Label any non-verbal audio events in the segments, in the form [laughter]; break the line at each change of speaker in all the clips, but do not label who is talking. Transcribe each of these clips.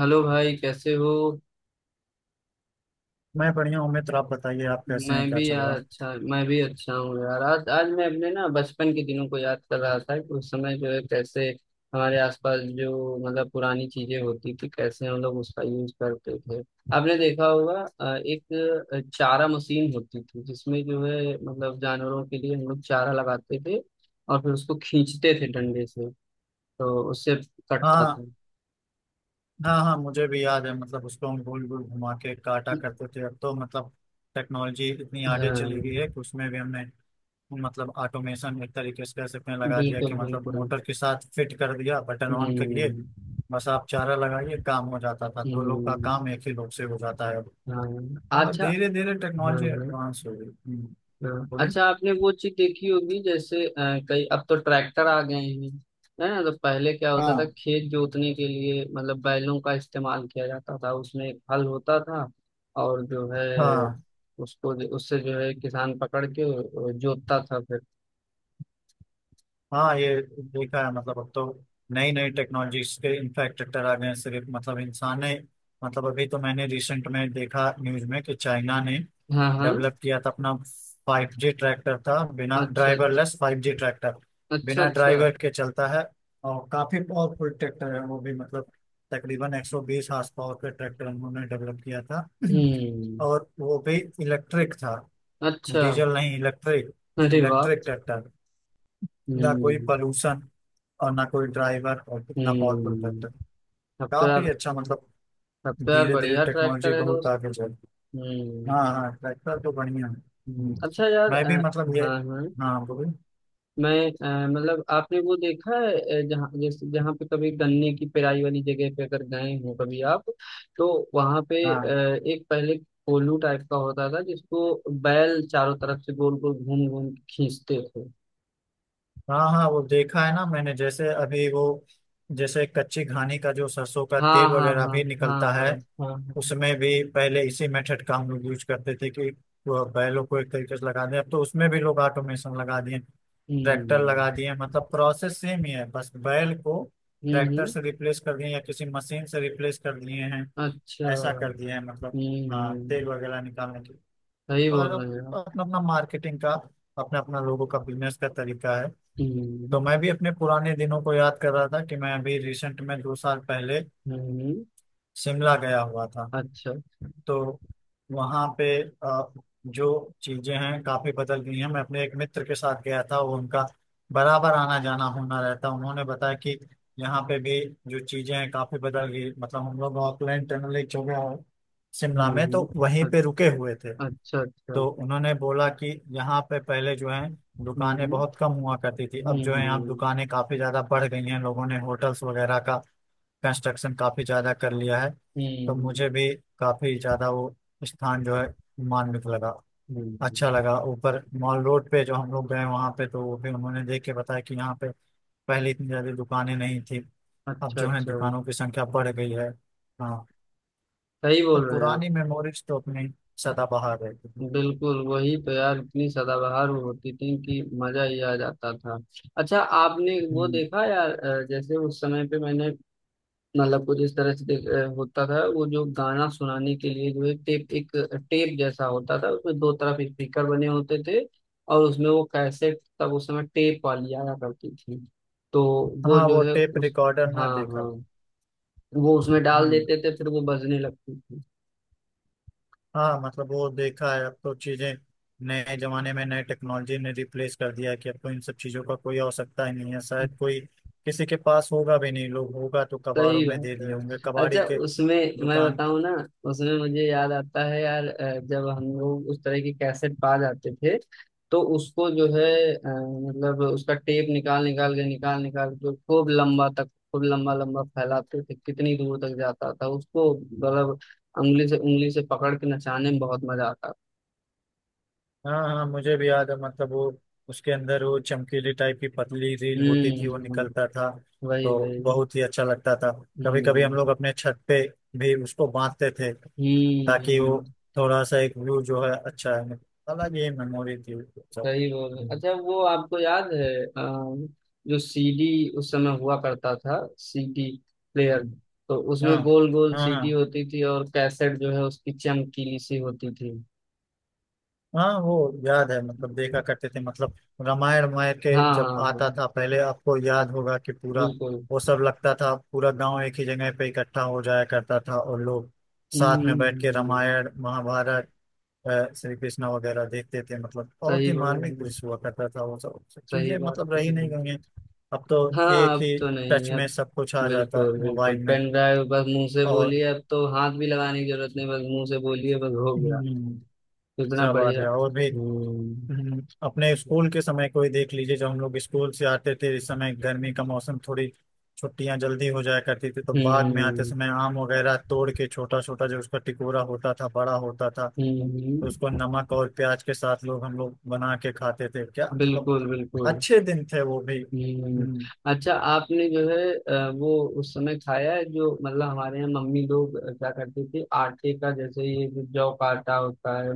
Hello भाई, कैसे हो?
मैं बढ़िया हूँ मित्र। आप बताइए, आप कैसे
मैं
हैं? क्या
भी
चल
यार,
रहा?
अच्छा, मैं भी अच्छा हूँ यार। आज आज मैं अपने ना बचपन के दिनों को याद कर रहा था, कि उस समय जो है कैसे हमारे आसपास जो मतलब पुरानी चीजें होती थी, कैसे हम लोग उसका यूज करते थे। आपने देखा होगा, एक चारा मशीन होती थी जिसमें जो है मतलब जानवरों के लिए हम लोग चारा लगाते थे, और फिर उसको खींचते थे डंडे से। तो उससे कटता
हाँ
था।
हाँ हाँ, मुझे भी याद है। मतलब उसको हम गोल गोल घुमा के काटा करते थे। अब तो मतलब टेक्नोलॉजी इतनी आगे चली
हाँ।
गई है कि उसमें भी हमने मतलब ऑटोमेशन एक तरीके से कह सकते हैं लगा दिया कि
बिल्कुल
मतलब
बिल्कुल।
मोटर के साथ फिट कर दिया, बटन ऑन करिए,
हम्म।
बस आप चारा लगाइए, काम हो जाता था। दो लोग का
हम्म।
काम एक ही लोग से हो जाता है।
हाँ।
मतलब
अच्छा।
धीरे धीरे
हाँ
टेक्नोलॉजी
हाँ
एडवांस हो गई।
हाँ।
बोलिए।
अच्छा, आपने वो चीज देखी होगी, जैसे कई अब तो ट्रैक्टर आ गए हैं, है ना? तो पहले क्या होता था,
हाँ
खेत जोतने के लिए मतलब बैलों का इस्तेमाल किया जाता था, उसमें एक हल होता था। और जो है
हाँ
उसको उससे जो है किसान पकड़ के जोतता था फिर।
हाँ, ये देखा है। मतलब अब तो नई नई टेक्नोलॉजीज के इनफैक्ट ट्रैक्टर आ गए हैं। सिर्फ मतलब इंसान ने मतलब अभी तो मैंने रिसेंट में देखा न्यूज में कि चाइना ने
हाँ हाँ।
डेवलप किया था अपना फाइव जी ट्रैक्टर, था बिना
अच्छा अच्छा।
Driverless five G tractor.
अच्छा
बिना
अच्छा।
ड्राइवर के चलता है और काफी पावरफुल ट्रैक्टर है वो भी। मतलब तकरीबन 120 हॉर्स पावर का ट्रैक्टर उन्होंने डेवलप किया था
हम्म।
[clears throat] और वो भी इलेक्ट्रिक था।
अच्छा।
डीजल नहीं, इलेक्ट्रिक।
अरे वाह।
Electric tractor. ना कोई
हम्म।
पॉल्यूशन और ना कोई ड्राइवर, और कितना पावरफुल
हम्म।
ट्रैक्टर।
अब तो यार,
काफी अच्छा मतलब।
अब तो यार
धीरे धीरे
बढ़िया
टेक्नोलॉजी
ट्रैक्टर है
बहुत
दोस्त।
आगे चल। हाँ
हम्म।
हाँ, ट्रैक्टर तो बढ़िया है। हम्म।
अच्छा यार,
मैं भी मतलब ये।
हाँ हाँ।
हाँ बोलिए।
मैं, मतलब आपने वो देखा है, जहाँ जैसे जहाँ पे कभी गन्ने की पेराई वाली जगह पे अगर गए हो कभी आप, तो वहाँ पे
हाँ
एक पहले कोल्हू टाइप का होता था जिसको बैल चारों तरफ से गोल गोल घूम घूम के खींचते थे।
हाँ हाँ, वो देखा है ना मैंने, जैसे अभी वो जैसे कच्ची घानी का जो सरसों का
हाँ
तेल
हाँ
वगैरह
हाँ
भी
हाँ।
निकलता है,
हाँ हाँ हाँ।
उसमें भी पहले इसी मेथड का हम लोग यूज करते थे कि वो बैलों को एक तरीके से लगा दें। अब तो उसमें भी लोग ऑटोमेशन लगा दिए, ट्रैक्टर
हम्म।
लगा दिए। मतलब प्रोसेस सेम ही है, बस बैल को
हम्म।
ट्रैक्टर
हम्म।
से रिप्लेस कर दिए या किसी मशीन से रिप्लेस कर दिए हैं।
अच्छा।
ऐसा कर दिए हैं मतलब।
हम्म।
हाँ,
हम्म।
तेल वगैरह निकालने के लिए।
सही
और
बोल रहे हैं आप।
अपना अपना मार्केटिंग का, अपना अपना लोगों का बिजनेस का तरीका है।
हम्म।
तो मैं भी अपने पुराने दिनों को याद कर रहा था कि मैं अभी रिसेंट में दो साल पहले
हम्म। हम्म।
शिमला गया हुआ था।
अच्छा।
तो वहाँ पे जो चीजें हैं काफी बदल गई हैं। मैं अपने एक मित्र के साथ गया था, वो उनका बराबर आना जाना होना रहता। उन्होंने बताया कि यहाँ पे भी जो चीजें हैं काफी बदल गई। मतलब हम लोग ऑकलैंड टनल एक जगह है शिमला में,
हम्म।
तो वहीं पे रुके हुए थे।
अच्छा अच्छा।
तो उन्होंने बोला कि यहाँ पे पहले जो है दुकानें
हम्म।
बहुत कम हुआ करती थी।
हम्म।
अब जो है यहाँ दुकानें काफी ज्यादा बढ़ गई हैं। लोगों ने होटल्स वगैरह का कंस्ट्रक्शन काफी ज्यादा कर लिया है। तो
हम्म।
मुझे भी काफी ज्यादा वो स्थान जो है मार्मिक लगा,
हम्म, हम्म,
अच्छा
हम्म,
लगा। ऊपर मॉल रोड पे जो हम लोग गए वहां पे, तो वो भी उन्होंने देख के बताया कि यहाँ पे पहले इतनी ज्यादा दुकानें नहीं थी, अब
अच्छा
जो है
अच्छा।
दुकानों की संख्या बढ़ गई है। हाँ,
सही
तो
बोल रहे हैं आप।
पुरानी मेमोरीज तो अपनी सदाबहार है।
बिल्कुल, वही तो यार, इतनी सदाबहार वो होती थी कि मजा ही आ जाता था। अच्छा, आपने वो
हम्म।
देखा यार, जैसे उस समय पे मैंने मतलब कुछ इस तरह से होता था वो, जो गाना सुनाने के लिए जो है टेप, एक टेप जैसा होता था, उसमें दो तरफ स्पीकर बने होते थे। और उसमें वो कैसेट, तब उस समय टेप वाली आया करती थी। तो वो
हाँ,
जो
वो
है
टेप
उस,
रिकॉर्डर ना
हाँ
देखा।
हाँ, वो उसमें डाल
हम्म।
देते थे फिर वो बजने लगती थी।
हाँ मतलब वो देखा है। अब तो चीजें नए जमाने में नए टेक्नोलॉजी ने रिप्लेस कर दिया है कि अब तो इन सब चीजों का कोई आवश्यकता ही नहीं है। शायद कोई किसी के पास होगा भी नहीं, लोग होगा तो कबाड़ों
सही
में दे
बात
दिए
है।
होंगे कबाड़ी
अच्छा,
के
उसमें, मैं
दुकान।
बताऊं ना, उसमें मुझे याद आता है यार, जब हम लोग उस तरह की कैसेट पा जाते थे, तो उसको जो है मतलब उसका टेप निकाल निकाल के खूब लंबा तक, खूब लंबा लंबा फैलाते थे, कितनी दूर तक जाता था उसको, मतलब उंगली से पकड़ के नचाने में बहुत मजा आता था।
हाँ हाँ, मुझे भी याद है। मतलब वो उसके अंदर वो चमकीली टाइप की पतली रील होती थी, वो
हम्म।
निकलता था।
वही
तो
वही।
बहुत ही अच्छा लगता था। कभी कभी हम
हम्म।
लोग अपने छत पे भी उसको बांधते थे, ताकि वो
हम्म।
थोड़ा सा एक व्यू जो है अच्छा है। मतलब अलग ही मेमोरी थी वो सब।
सही बोल रहे। अच्छा, वो आपको याद है, जो सीडी उस समय हुआ करता था, सीडी प्लेयर?
हम्म।
तो
हाँ
उसमें गोल गोल
हाँ
सीडी
हाँ
होती थी, और कैसेट जो है उसकी चमकीली सी होती थी।
हाँ, वो याद है। मतलब देखा करते थे। मतलब रामायण, रामायण के
हाँ हाँ
जब
हाँ।
आता था पहले, आपको याद होगा कि पूरा
बिल्कुल।
वो सब लगता था। पूरा गांव एक ही जगह पे इकट्ठा हो जाया करता था, और लोग साथ में बैठ के
हम्म।
रामायण, महाभारत, श्री कृष्णा वगैरह देखते थे। मतलब बहुत
सही
ही
बोल रहे
मार्मिक
हैं,
दृश्य हुआ करता था वो सब। सब
सही
चीजें
बात
मतलब
बोल
रही
रहे
नहीं
हैं।
गई हैं। अब तो
हाँ,
एक
अब
ही
तो
टच
नहीं।
में
अब
सब कुछ आ जाता है
बिल्कुल बिल्कुल,
मोबाइल में।
पेन ड्राइव, बस मुंह से
और
बोलिए, अब तो हाथ भी लगाने की जरूरत नहीं, बस मुंह से बोलिए, बस हो गया।
हम्म,
इतना
सब आ
बढ़िया।
गया और भी।
हम्म।
अपने स्कूल के समय को ही देख लीजिए। जब हम लोग स्कूल से आते थे इस समय गर्मी का मौसम, थोड़ी छुट्टियां जल्दी हो जाया करती थी। तो बाद में आते
हम्म।
समय आम वगैरह तोड़ के, छोटा छोटा जो उसका टिकोरा होता था, बड़ा होता था, तो उसको
हम्म।
नमक और प्याज के साथ लोग हम लोग बना के खाते थे। क्या मतलब,
बिल्कुल बिल्कुल।
अच्छे दिन थे वो भी।
हम्म।
हम्म।
अच्छा, आपने जो है वो उस समय खाया है, जो मतलब हमारे यहाँ मम्मी लोग क्या करती थी, आटे का, जैसे ये जो जौ का आटा होता है,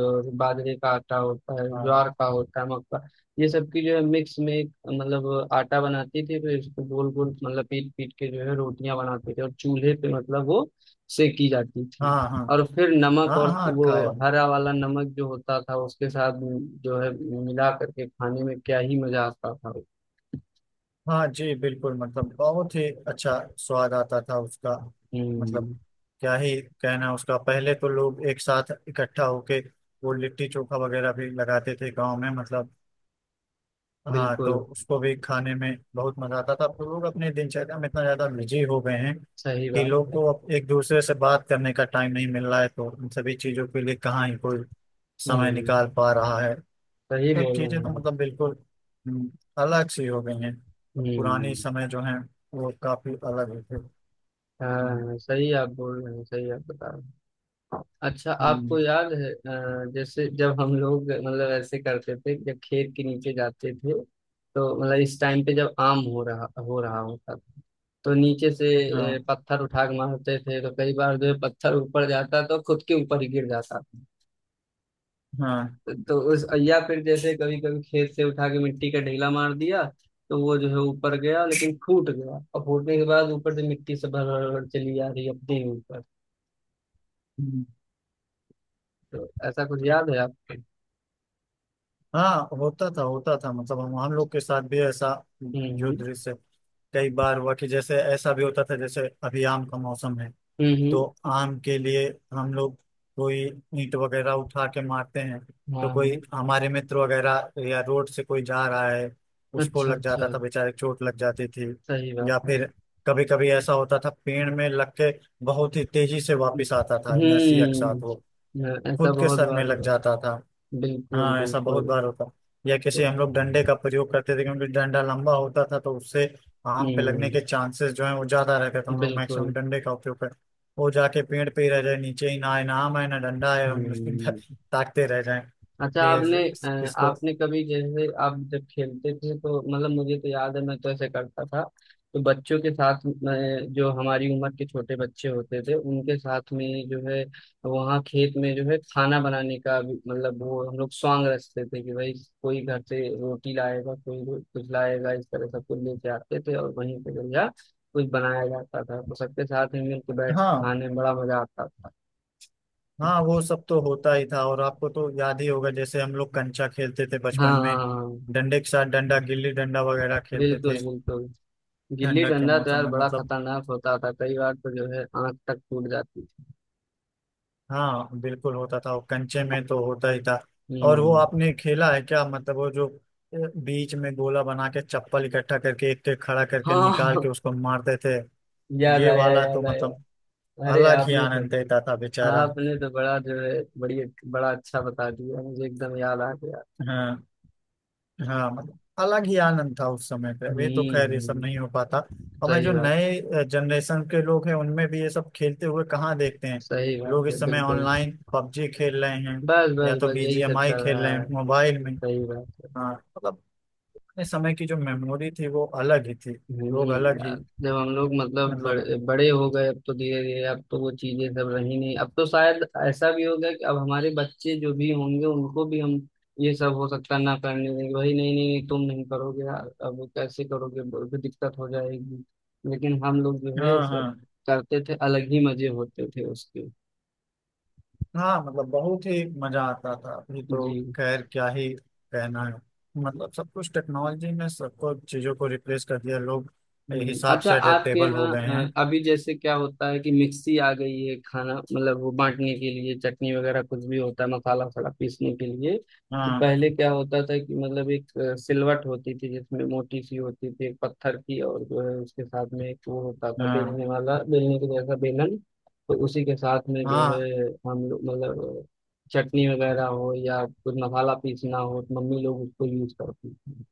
और बाजरे का आटा होता है,
हाँ
ज्वार का होता है, मक्का, ये सब की जो है मिक्स में, एक, मतलब आटा बनाती थी, फिर इसको गोल गोल, मतलब पीट पीट के जो है रोटियां बनाते थे, और चूल्हे पे मतलब वो सेकी जाती थी।
हाँ हाँ
और फिर नमक
हाँ,
और
हाँ
वो
खाया।
हरा वाला नमक जो होता था उसके साथ जो है मिला करके खाने में क्या ही मजा आता था।
हाँ जी बिल्कुल। मतलब बहुत ही अच्छा स्वाद आता था उसका। मतलब
हम्म।
क्या ही कहना उसका। पहले तो लोग एक साथ इकट्ठा होके वो लिट्टी चोखा वगैरह भी लगाते थे गांव में मतलब। हाँ,
बिल्कुल।
तो उसको भी खाने में बहुत मजा आता था। अब तो लोग अपने दिनचर्या में इतना ज्यादा बिजी हो गए हैं
सही
कि
बात
लोग
है।
को अब एक दूसरे से बात करने का टाइम नहीं मिल रहा है। तो इन सभी चीजों के लिए कहाँ ही कोई समय निकाल
हम्म।
पा रहा है।
सही
सब
बोल
चीजें
रहे
तो
हैं आप।
मतलब बिल्कुल हम्म, अलग सी हो गई हैं। अब पुरानी
हम्म।
समय जो है वो काफी अलग होते। हम्म।
हाँ, सही आप बोल रहे हैं, सही आप बता रहे हैं। अच्छा, आपको
हम्म,
याद है, जैसे जब हम लोग मतलब ऐसे करते थे, जब खेत के नीचे जाते थे, तो मतलब इस टाइम पे जब आम हो रहा होता था, तो नीचे से
हाँ
पत्थर उठा के मारते थे, तो कई बार जो है पत्थर ऊपर जाता तो खुद के ऊपर ही गिर जाता।
हाँ।
तो उस, या फिर जैसे कभी कभी खेत से उठा के मिट्टी का ढेला मार दिया, तो वो जो है ऊपर गया लेकिन फूट गया, और फूटने के बाद ऊपर से मिट्टी से भर भर भर चली आ रही है अपने ही ऊपर।
हम्म।
तो ऐसा कुछ याद है आपको?
हाँ होता था होता था। मतलब हम लोग के साथ भी ऐसा जो
हम्म।
दृश्य कई बार हुआ, कि जैसे ऐसा भी होता था, जैसे अभी आम का मौसम है
हम्म।
तो
हम्म।
आम के लिए हम लोग कोई ईंट वगैरह उठा के मारते हैं। तो
हाँ हाँ।
कोई हमारे मित्र वगैरह या रोड से कोई जा रहा है, उसको
अच्छा
लग
अच्छा।
जाता था, बेचारे चोट लग जाती थी।
सही बात
या
है।
फिर कभी कभी ऐसा होता था, पेड़ में लग के बहुत ही तेजी से वापस आता था इनर्शिया के साथ वो,
हम्म। हाँ, ऐसा
खुद के
बहुत
सर में
बार
लग
हुआ।
जाता था।
बिल्कुल
हाँ ऐसा बहुत
बिल्कुल।
बार होता। या किसी
तो
हम लोग डंडे का प्रयोग करते थे, क्योंकि डंडा लंबा होता था, तो उससे आम पे लगने
हम्म।
के चांसेस जो है वो ज्यादा रहते थे। हम लोग मैक्सिमम
बिल्कुल।
डंडे का उपयोग करते, वो जाके पेड़ पे ही रह जाए, नीचे ही ना आए, ना आम आए, ना डंडा आए, हम [laughs] उसको
हम्म।
ताकते रह जाए।
अच्छा,
इसको।
आपने कभी, जैसे आप जब खेलते थे, तो मतलब मुझे तो याद है, मैं तो ऐसे करता था, तो बच्चों के साथ में जो हमारी उम्र के छोटे बच्चे होते थे उनके साथ में जो है वहाँ खेत में जो है खाना बनाने का भी, मतलब वो हम लोग सॉन्ग रचते थे कि भाई, कोई घर से रोटी लाएगा, कोई कुछ लाएगा, इस तरह सब कुछ लेके आते थे, और वहीं पे जो है कुछ बनाया जाता था, तो सबके साथ में मिलकर बैठ के
हाँ
खाने में बड़ा मजा आता था।
हाँ, वो सब तो होता ही था। और आपको तो याद ही होगा, जैसे हम लोग कंचा खेलते थे
हाँ
बचपन
हाँ
में,
हाँ हाँ,
डंडे के साथ डंडा, गिल्ली डंडा वगैरह खेलते
बिल्कुल
थे।
बिल्कुल। गिल्ली
ठंडक के
डंडा तो
मौसम
यार
में
बड़ा
मतलब।
खतरनाक होता था, कई बार तो जो है आंख तक टूट जाती थी।
हाँ बिल्कुल होता था वो, कंचे में तो होता ही था। और वो
हम्म।
आपने खेला है क्या, मतलब वो जो बीच में गोला बना के, चप्पल इकट्ठा करके एक एक खड़ा करके निकाल
हाँ।
के उसको मारते थे।
[laughs] याद
ये
आया
वाला तो
याद आया।
मतलब
अरे,
अलग ही
आपने तो
आनंद देता था बेचारा।
आपने तो बड़ा जो है, बड़ी, बड़ा अच्छा बता दिया मुझे, एकदम याद आ गया।
हाँ हाँ, मतलब अलग ही आनंद था उस समय पे। अभी तो खैर
हम्म।
ये सब नहीं हो पाता। और मैं,
सही
जो
बात
नए जनरेशन के लोग हैं उनमें भी ये सब खेलते हुए कहाँ देखते हैं।
सही बात
लोग
है
इस समय
बिल्कुल।
ऑनलाइन पबजी खेल रहे हैं,
बस
या
बस
तो
बस, यही सब
बीजीएमआई
चल
खेल
रहा
रहे हैं
है।
मोबाइल में।
सही बात है।
हाँ मतलब अपने समय की जो मेमोरी थी वो अलग ही थी। लोग
नहीं
अलग
यार,
ही
जब हम लोग मतलब
मतलब।
बड़े बड़े हो गए, अब तो धीरे धीरे, अब तो वो चीजें सब रही नहीं, अब तो शायद ऐसा भी हो गया कि अब हमारे बच्चे जो भी होंगे उनको भी हम ये सब हो सकता है ना करने देंगे, भाई नहीं नहीं नहीं तुम नहीं करोगे यार, अब कैसे करोगे, बहुत दिक्कत हो जाएगी। लेकिन हम लोग जो है ये
हाँ
सब
हाँ
करते थे, अलग ही मजे होते थे उसके।
हाँ, मतलब बहुत ही मजा आता था। अभी तो
जी।
खैर क्या ही कहना है। मतलब सब कुछ टेक्नोलॉजी में सबको, चीजों को रिप्लेस कर दिया। लोग हिसाब
अच्छा,
से
आपके
अडेप्टेबल हो
यहाँ
गए हैं।
अभी जैसे क्या होता है कि मिक्सी आ गई है, खाना मतलब वो बांटने के लिए, चटनी वगैरह कुछ भी होता है, मसाला वसाला पीसने के लिए। तो
हाँ
पहले क्या होता था कि मतलब एक सिलवट होती थी जिसमें मोटी सी होती थी एक पत्थर की, और जो है उसके साथ में एक वो होता था
हाँ
बेलने वाला, बेलने के जैसा बेलन। तो उसी के साथ में जो
हाँ
है हम लोग मतलब चटनी वगैरह हो या कुछ मसाला पीसना हो, तो मम्मी लोग उसको यूज करती थी।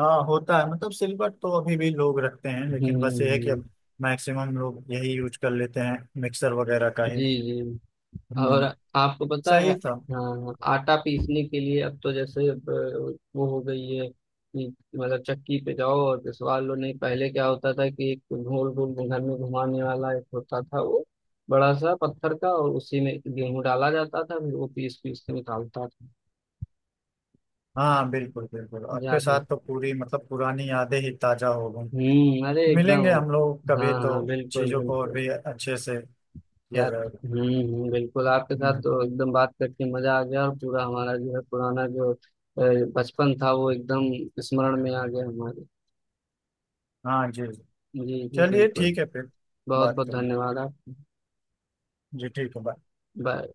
हाँ, होता है। मतलब सिल्वर तो अभी भी लोग रखते हैं,
हम्म।
लेकिन बस ये है कि अब मैक्सिमम लोग यही यूज कर लेते हैं, मिक्सर वगैरह का
जी
ही।
जी। और
हम्म।
आपको पता है,
सही था।
हाँ, आटा पीसने के लिए अब तो, जैसे अब, वो हो गई है कि मतलब चक्की पे जाओ और पिसवा लो। नहीं, पहले क्या होता था कि एक गोल गोल घर में घुमाने वाला एक होता था वो, बड़ा सा पत्थर का, और उसी में गेहूं डाला जाता था, फिर वो पीस पीस के निकालता था।
हाँ बिल्कुल बिल्कुल, आपके
याद है?
साथ तो पूरी मतलब पुरानी यादें ही ताजा हो गई।
हम्म। अरे
मिलेंगे हम लोग
एकदम।
कभी,
हाँ
तो
हाँ, बिल्कुल
चीजों को और
बिल्कुल
भी अच्छे से किया
यार।
जाएगा।
हम्म। बिल्कुल, आपके साथ
हम्म,
तो एकदम बात करके मजा आ गया, और पूरा हमारा जो है पुराना जो बचपन था, वो एकदम स्मरण में आ गया हमारे।
हाँ जी।
जी जी।
चलिए
बिल्कुल।
ठीक है फिर।
बहुत
बात
बहुत
करेंगे।
धन्यवाद आप।
जी ठीक है, बाय।
बाय।